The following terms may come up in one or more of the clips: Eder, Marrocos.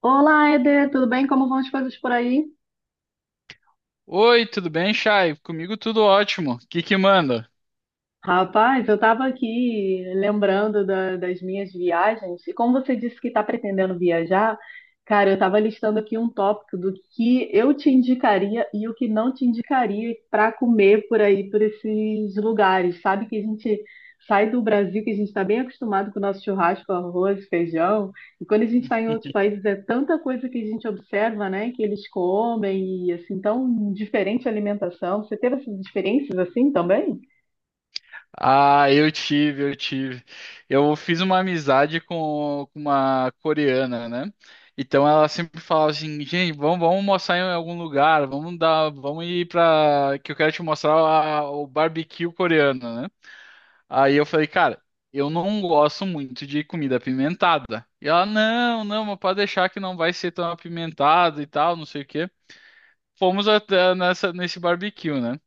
Olá, Eder, tudo bem? Como vão as coisas por aí? Oi, tudo bem, Chay? Comigo tudo ótimo. O que que manda? Rapaz, eu estava aqui lembrando das minhas viagens, e como você disse que está pretendendo viajar, cara, eu estava listando aqui um tópico do que eu te indicaria e o que não te indicaria para comer por aí, por esses lugares. Sabe que a gente sai do Brasil, que a gente está bem acostumado com o nosso churrasco, arroz, feijão, e quando a gente está em outros países é tanta coisa que a gente observa, né, que eles comem, e assim, tão diferente a alimentação. Você teve essas experiências assim também? Ah, eu tive, eu tive. Eu fiz uma amizade com uma coreana, né? Então ela sempre falava assim, gente, vamos, almoçar em algum lugar, vamos dar, vamos ir pra. Que eu quero te mostrar o barbecue coreano, né? Aí eu falei, cara, eu não gosto muito de comida apimentada. E ela, não, não, mas pode deixar que não vai ser tão apimentado e tal, não sei o quê. Fomos até nessa, nesse barbecue, né?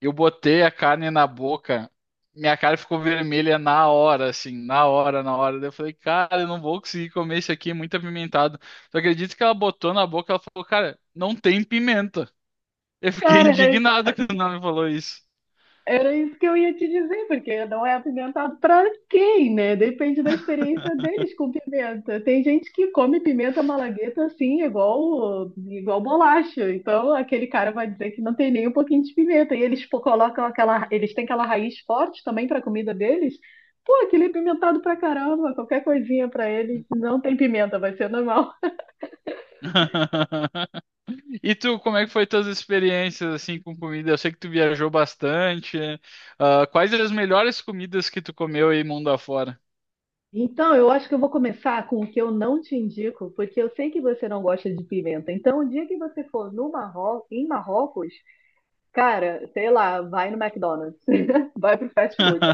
Eu botei a carne na boca, minha cara ficou vermelha na hora, assim, na hora, na hora. Daí eu falei, cara, eu não vou conseguir comer isso aqui, é muito apimentado. Tu acredita que ela botou na boca, ela falou, cara, não tem pimenta. Eu fiquei Cara, indignado quando ela me falou isso. era isso que eu ia te dizer, porque não é apimentado para quem, né? Depende da experiência deles com pimenta. Tem gente que come pimenta malagueta assim, igual, igual bolacha. Então, aquele cara vai dizer que não tem nem um pouquinho de pimenta. E eles pô, colocam aquela, eles têm aquela raiz forte também para a comida deles. Pô, aquele é pimentado pra caramba, qualquer coisinha para eles não tem pimenta, vai ser normal. E tu, como é que foi tuas experiências assim com comida? Eu sei que tu viajou bastante, né? Ah, quais as melhores comidas que tu comeu aí mundo afora? Então, eu acho que eu vou começar com o que eu não te indico, porque eu sei que você não gosta de pimenta. Então, o dia que você for no Marro... em Marrocos, cara, sei lá, vai no McDonald's, vai pro fast food.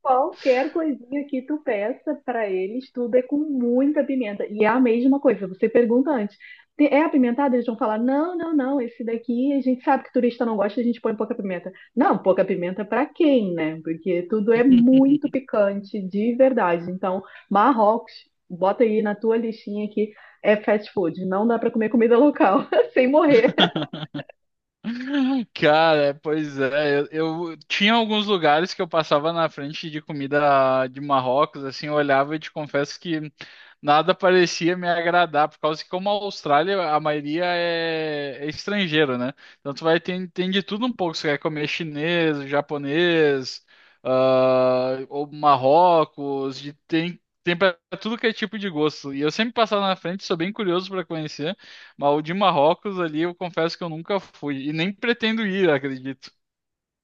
Qualquer coisinha que tu peça pra eles, tudo é com muita pimenta. E é a mesma coisa, você pergunta antes. É apimentado?" Eles vão falar: não, não, não, esse daqui a gente sabe que turista não gosta, a gente põe pouca pimenta. Não, pouca pimenta pra quem, né? Porque tudo é muito picante, de verdade. Então, Marrocos, bota aí na tua listinha que é fast food, não dá pra comer comida local, sem morrer. Cara, pois é, eu tinha alguns lugares que eu passava na frente de comida de Marrocos, assim, eu olhava e te confesso que nada parecia me agradar, por causa que como a Austrália, a maioria é estrangeiro, né? Então tu vai ter, tem de tudo um pouco, você quer comer chinês, japonês, ah, ou Marrocos, tem, tem para tudo que é tipo de gosto. E eu sempre passava na frente, sou bem curioso para conhecer. Mas o de Marrocos ali, eu confesso que eu nunca fui. E nem pretendo ir, acredito.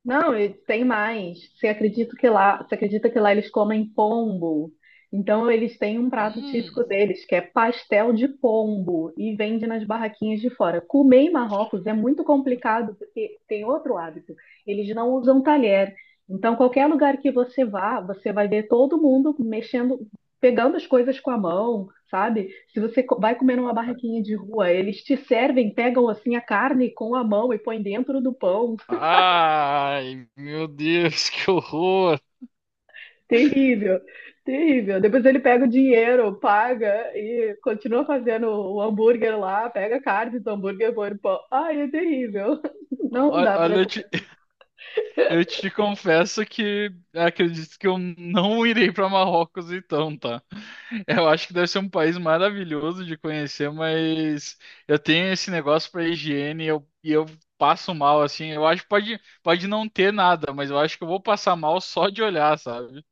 Não, e tem mais. Você acredita que lá, você acredita que lá eles comem pombo? Então eles têm um prato típico Hum. deles, que é pastel de pombo, e vende nas barraquinhas de fora. Comer em Marrocos é muito complicado, porque tem outro hábito. Eles não usam talher. Então, qualquer lugar que você vá, você vai ver todo mundo mexendo, pegando as coisas com a mão, sabe? Se você vai comer numa barraquinha de rua, eles te servem, pegam assim a carne com a mão e põem dentro do pão. Ai, meu Deus, que horror! Terrível, terrível. Depois ele pega o dinheiro, paga e continua fazendo o hambúrguer lá, pega a carne do hambúrguer, e põe no pão. Ai, é terrível. Não dá para. Olha, eu te confesso que acredito que eu não irei para Marrocos então, tá? Eu acho que deve ser um país maravilhoso de conhecer, mas eu tenho esse negócio para higiene e eu passo mal, assim. Eu acho que pode, pode não ter nada, mas eu acho que eu vou passar mal só de olhar, sabe?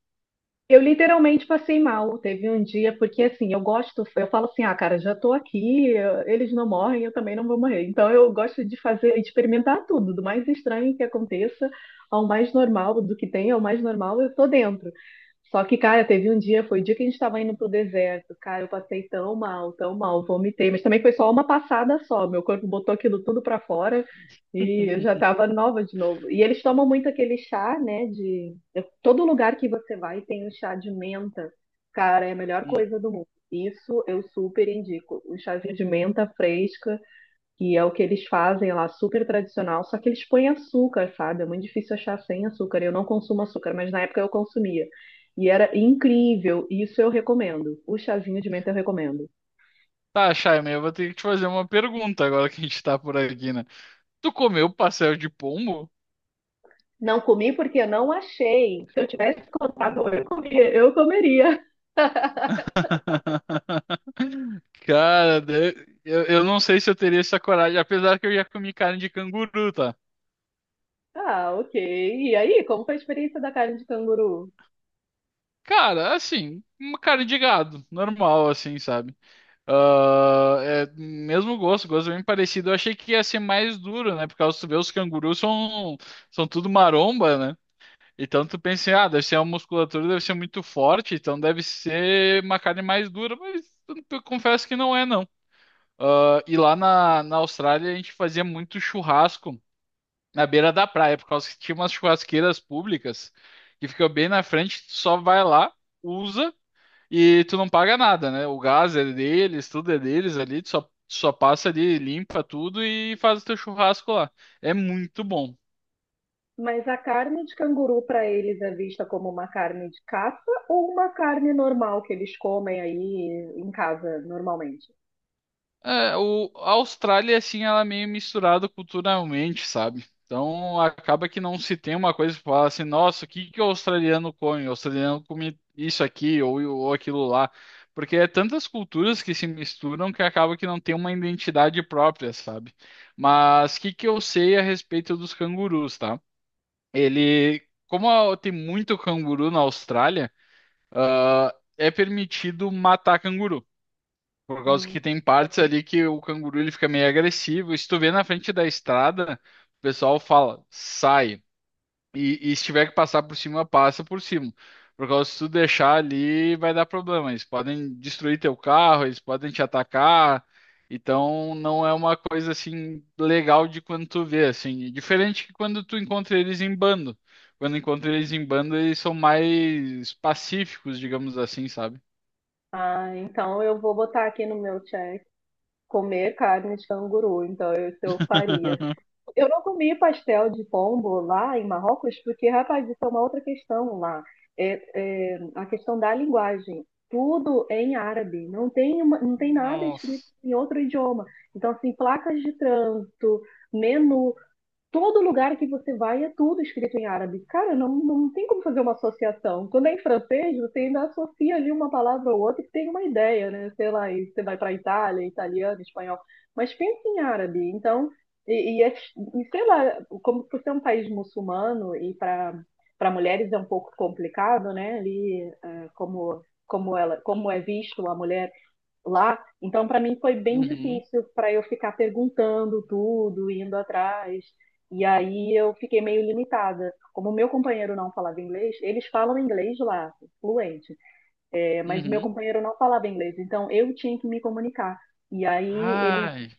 Eu literalmente passei mal. Teve um dia, porque assim, eu gosto, eu falo assim, ah, cara, já tô aqui, eles não morrem, eu também não vou morrer. Então eu gosto de fazer, experimentar tudo, do mais estranho que aconteça ao mais normal, do que tem ao mais normal, eu tô dentro. Só que, cara, teve um dia, foi o dia que a gente estava indo pro deserto, cara, eu passei tão mal, vomitei, mas também foi só uma passada só, meu corpo botou aquilo tudo pra fora e eu já tava nova de novo. E eles tomam muito aquele chá, né, de todo lugar que você vai tem o chá de menta. Cara, é a melhor coisa do mundo. Isso eu super indico. O chazinho de menta fresca, que é o que eles fazem lá, super tradicional, só que eles põem açúcar, sabe? É muito difícil achar sem açúcar. Eu não consumo açúcar, mas na época eu consumia. E era incrível. Isso eu recomendo. O chazinho de menta eu recomendo. Tá, Chaime, eu vou ter que te fazer uma pergunta agora que a gente tá por aqui, né? Tu comeu pastel de pombo? Não comi porque eu não achei. Se eu tivesse contado, eu comia, eu comeria. Cara, eu não sei se eu teria essa coragem, apesar que eu já comi carne de canguru, tá? Ah, ok. E aí, como foi a experiência da carne de canguru? Cara, assim, uma carne de gado, normal, assim, sabe? Ah, é, mesmo gosto, gosto bem parecido. Eu achei que ia ser mais duro, né? Porque os, tu vê, os cangurus são, são tudo maromba, né? Então tu pensa, ah, deve ser uma musculatura, deve ser muito forte, então deve ser uma carne mais dura, mas eu confesso que não é, não. Ah, e lá na, na Austrália a gente fazia muito churrasco na beira da praia, por causa que tinha umas churrasqueiras públicas que ficam bem na frente, tu só vai lá, usa e tu não paga nada, né? O gás é deles, tudo é deles ali, tu só, só passa ali, limpa tudo e faz o teu churrasco lá. É muito bom. Mas a carne de canguru para eles é vista como uma carne de caça ou uma carne normal que eles comem aí em casa normalmente? É, a Austrália, assim, ela é meio misturada culturalmente, sabe? Então, acaba que não se tem uma coisa que fala assim, nossa, o que que o australiano come? O australiano come isso aqui ou aquilo lá. Porque é tantas culturas que se misturam que acaba que não tem uma identidade própria, sabe? Mas o que que eu sei a respeito dos cangurus, tá? Ele, tem muito canguru na Austrália, ah, é permitido matar canguru. Por causa Hum. que tem partes ali que o canguru ele fica meio agressivo. E se tu vê na frente da estrada, o pessoal fala, sai. E se tiver que passar por cima, passa por cima. Por causa que se tu deixar ali, vai dar problema. Eles podem destruir teu carro, eles podem te atacar. Então não é uma coisa assim legal de quando tu vê, assim. Diferente que quando tu encontra eles em bando. Quando encontra eles em bando, eles são mais pacíficos, digamos assim, sabe? Ah, então eu vou botar aqui no meu check comer carne de canguru. Então eu, isso eu faria. Eu não comi pastel de pombo lá em Marrocos, porque, rapaz, isso é uma outra questão lá. É, é a questão da linguagem. Tudo é em árabe, não tem, não tem nada escrito Nossa. em outro idioma. Então, assim, placas de trânsito, menu, todo lugar que você vai é tudo escrito em árabe. Cara, não, não tem como fazer uma associação. Quando é em francês, você ainda associa ali uma palavra ou outra que tem uma ideia, né? Sei lá, e você vai para Itália, italiano, espanhol. Mas pensa em árabe. Então, e, e é- e sei lá, como por ser um país muçulmano e para mulheres é um pouco complicado, né? Ali, eh, como ela, como é visto a mulher lá. Então, para mim foi bem Uhum. difícil para eu ficar perguntando tudo, indo atrás. E aí eu fiquei meio limitada. Como o meu companheiro não falava inglês, eles falam inglês lá, fluente. É, mas o meu Uhum. companheiro não falava inglês, então eu tinha que me comunicar. E aí Ai.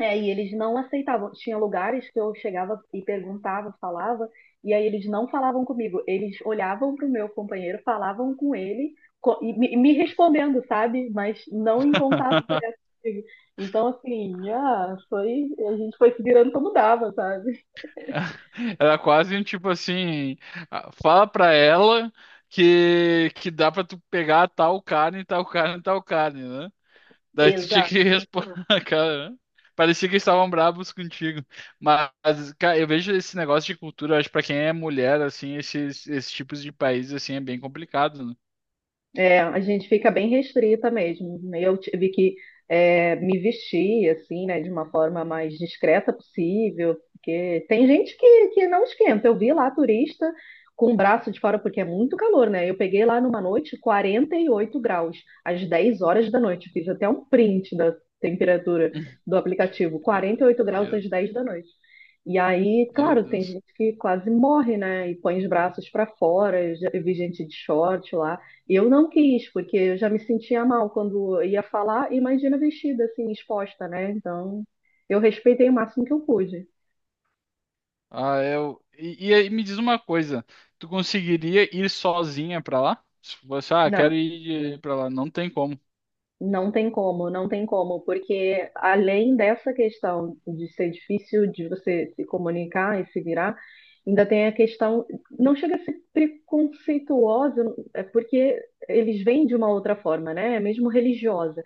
e eles não aceitavam. Tinha lugares que eu chegava e perguntava, falava, e aí eles não falavam comigo. Eles olhavam para o meu companheiro, falavam com ele e me respondendo, sabe? Mas não em contato direto comigo. Então, assim, ah, foi, a gente foi se virando como dava, sabe? Era quase um tipo assim, ah, fala pra ela que dá pra tu pegar tal carne, tal carne, tal carne, né? Daí tu tinha Exato. que responder, cara, né? Parecia que eles estavam bravos contigo. Mas, cara, eu vejo esse negócio de cultura, eu acho que pra quem é mulher, assim, esses tipos de países, assim, é bem complicado, né? É, a gente fica bem restrita mesmo, né? Eu tive que me vestir assim, né, de uma forma mais discreta possível, porque tem gente que não esquenta. Eu vi lá turista com o braço de fora, porque é muito calor, né? Eu peguei lá numa noite 48 graus, às 10 horas da noite. Fiz até um print da temperatura do aplicativo, 48 graus Meu, às 10 da noite. E aí, meu claro, tem Deus. gente que quase morre, né? E põe os braços para fora. Eu já vi gente de short lá. Eu não quis, porque eu já me sentia mal quando eu ia falar, imagina vestida assim, exposta, né? Então, eu respeitei o máximo que eu pude. Ah, é, eu. E aí me diz uma coisa, tu conseguiria ir sozinha pra lá? Se você, ah, Não. quero ir pra lá, não tem como. Não tem como, não tem como, porque além dessa questão de ser difícil de você se comunicar e se virar, ainda tem a questão, não chega a ser preconceituosa, é porque eles vêm de uma outra forma, né? É mesmo religiosa,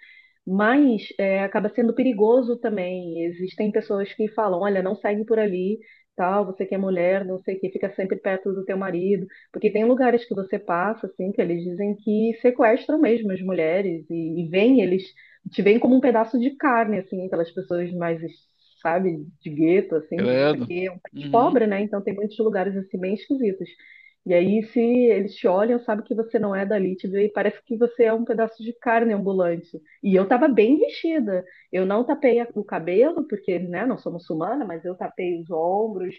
mas é, acaba sendo perigoso também. Existem pessoas que falam, olha, não segue por ali, tal, você que é mulher, não sei o que, fica sempre perto do teu marido. Porque tem lugares que você passa, assim, que eles dizem que sequestram mesmo as mulheres te veem como um pedaço de carne, assim, pelas pessoas mais, sabe, de gueto, assim, porque Credo. é um país Uhum. pobre, né? Então tem muitos lugares, assim, bem esquisitos. E aí, se eles te olham, sabe que você não é dali, te vê, e parece que você é um pedaço de carne ambulante. E eu tava bem vestida. Eu não tapei o cabelo, porque, né, não sou muçulmana, mas eu tapei os ombros,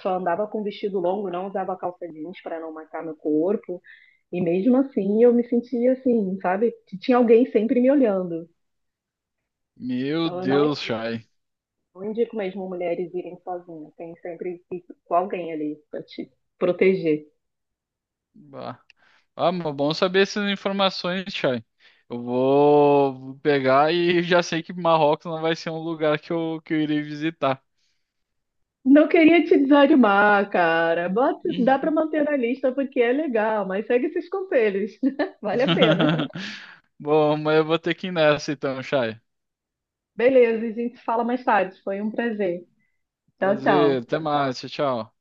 só andava com vestido longo, não usava calça jeans para não marcar meu corpo. E mesmo assim, eu me sentia assim, sabe? Que tinha alguém sempre me olhando. Meu Então, eu não Deus, indico. Chay. Não indico mesmo mulheres irem sozinhas. Tem sempre que ir com alguém ali para te proteger. Bah. Ah, mas bom saber essas informações, Chay. Eu vou pegar e já sei que Marrocos não vai ser um lugar que eu irei visitar. Não queria te desanimar, cara. Bota, dá para Uhum. manter na lista porque é legal, mas segue esses conselhos. Vale a pena. Bom, mas eu vou ter que ir nessa então, Chay. Beleza, a gente se fala mais tarde. Foi um prazer. Tchau, Prazer, tchau. até mais, tchau. Tchau.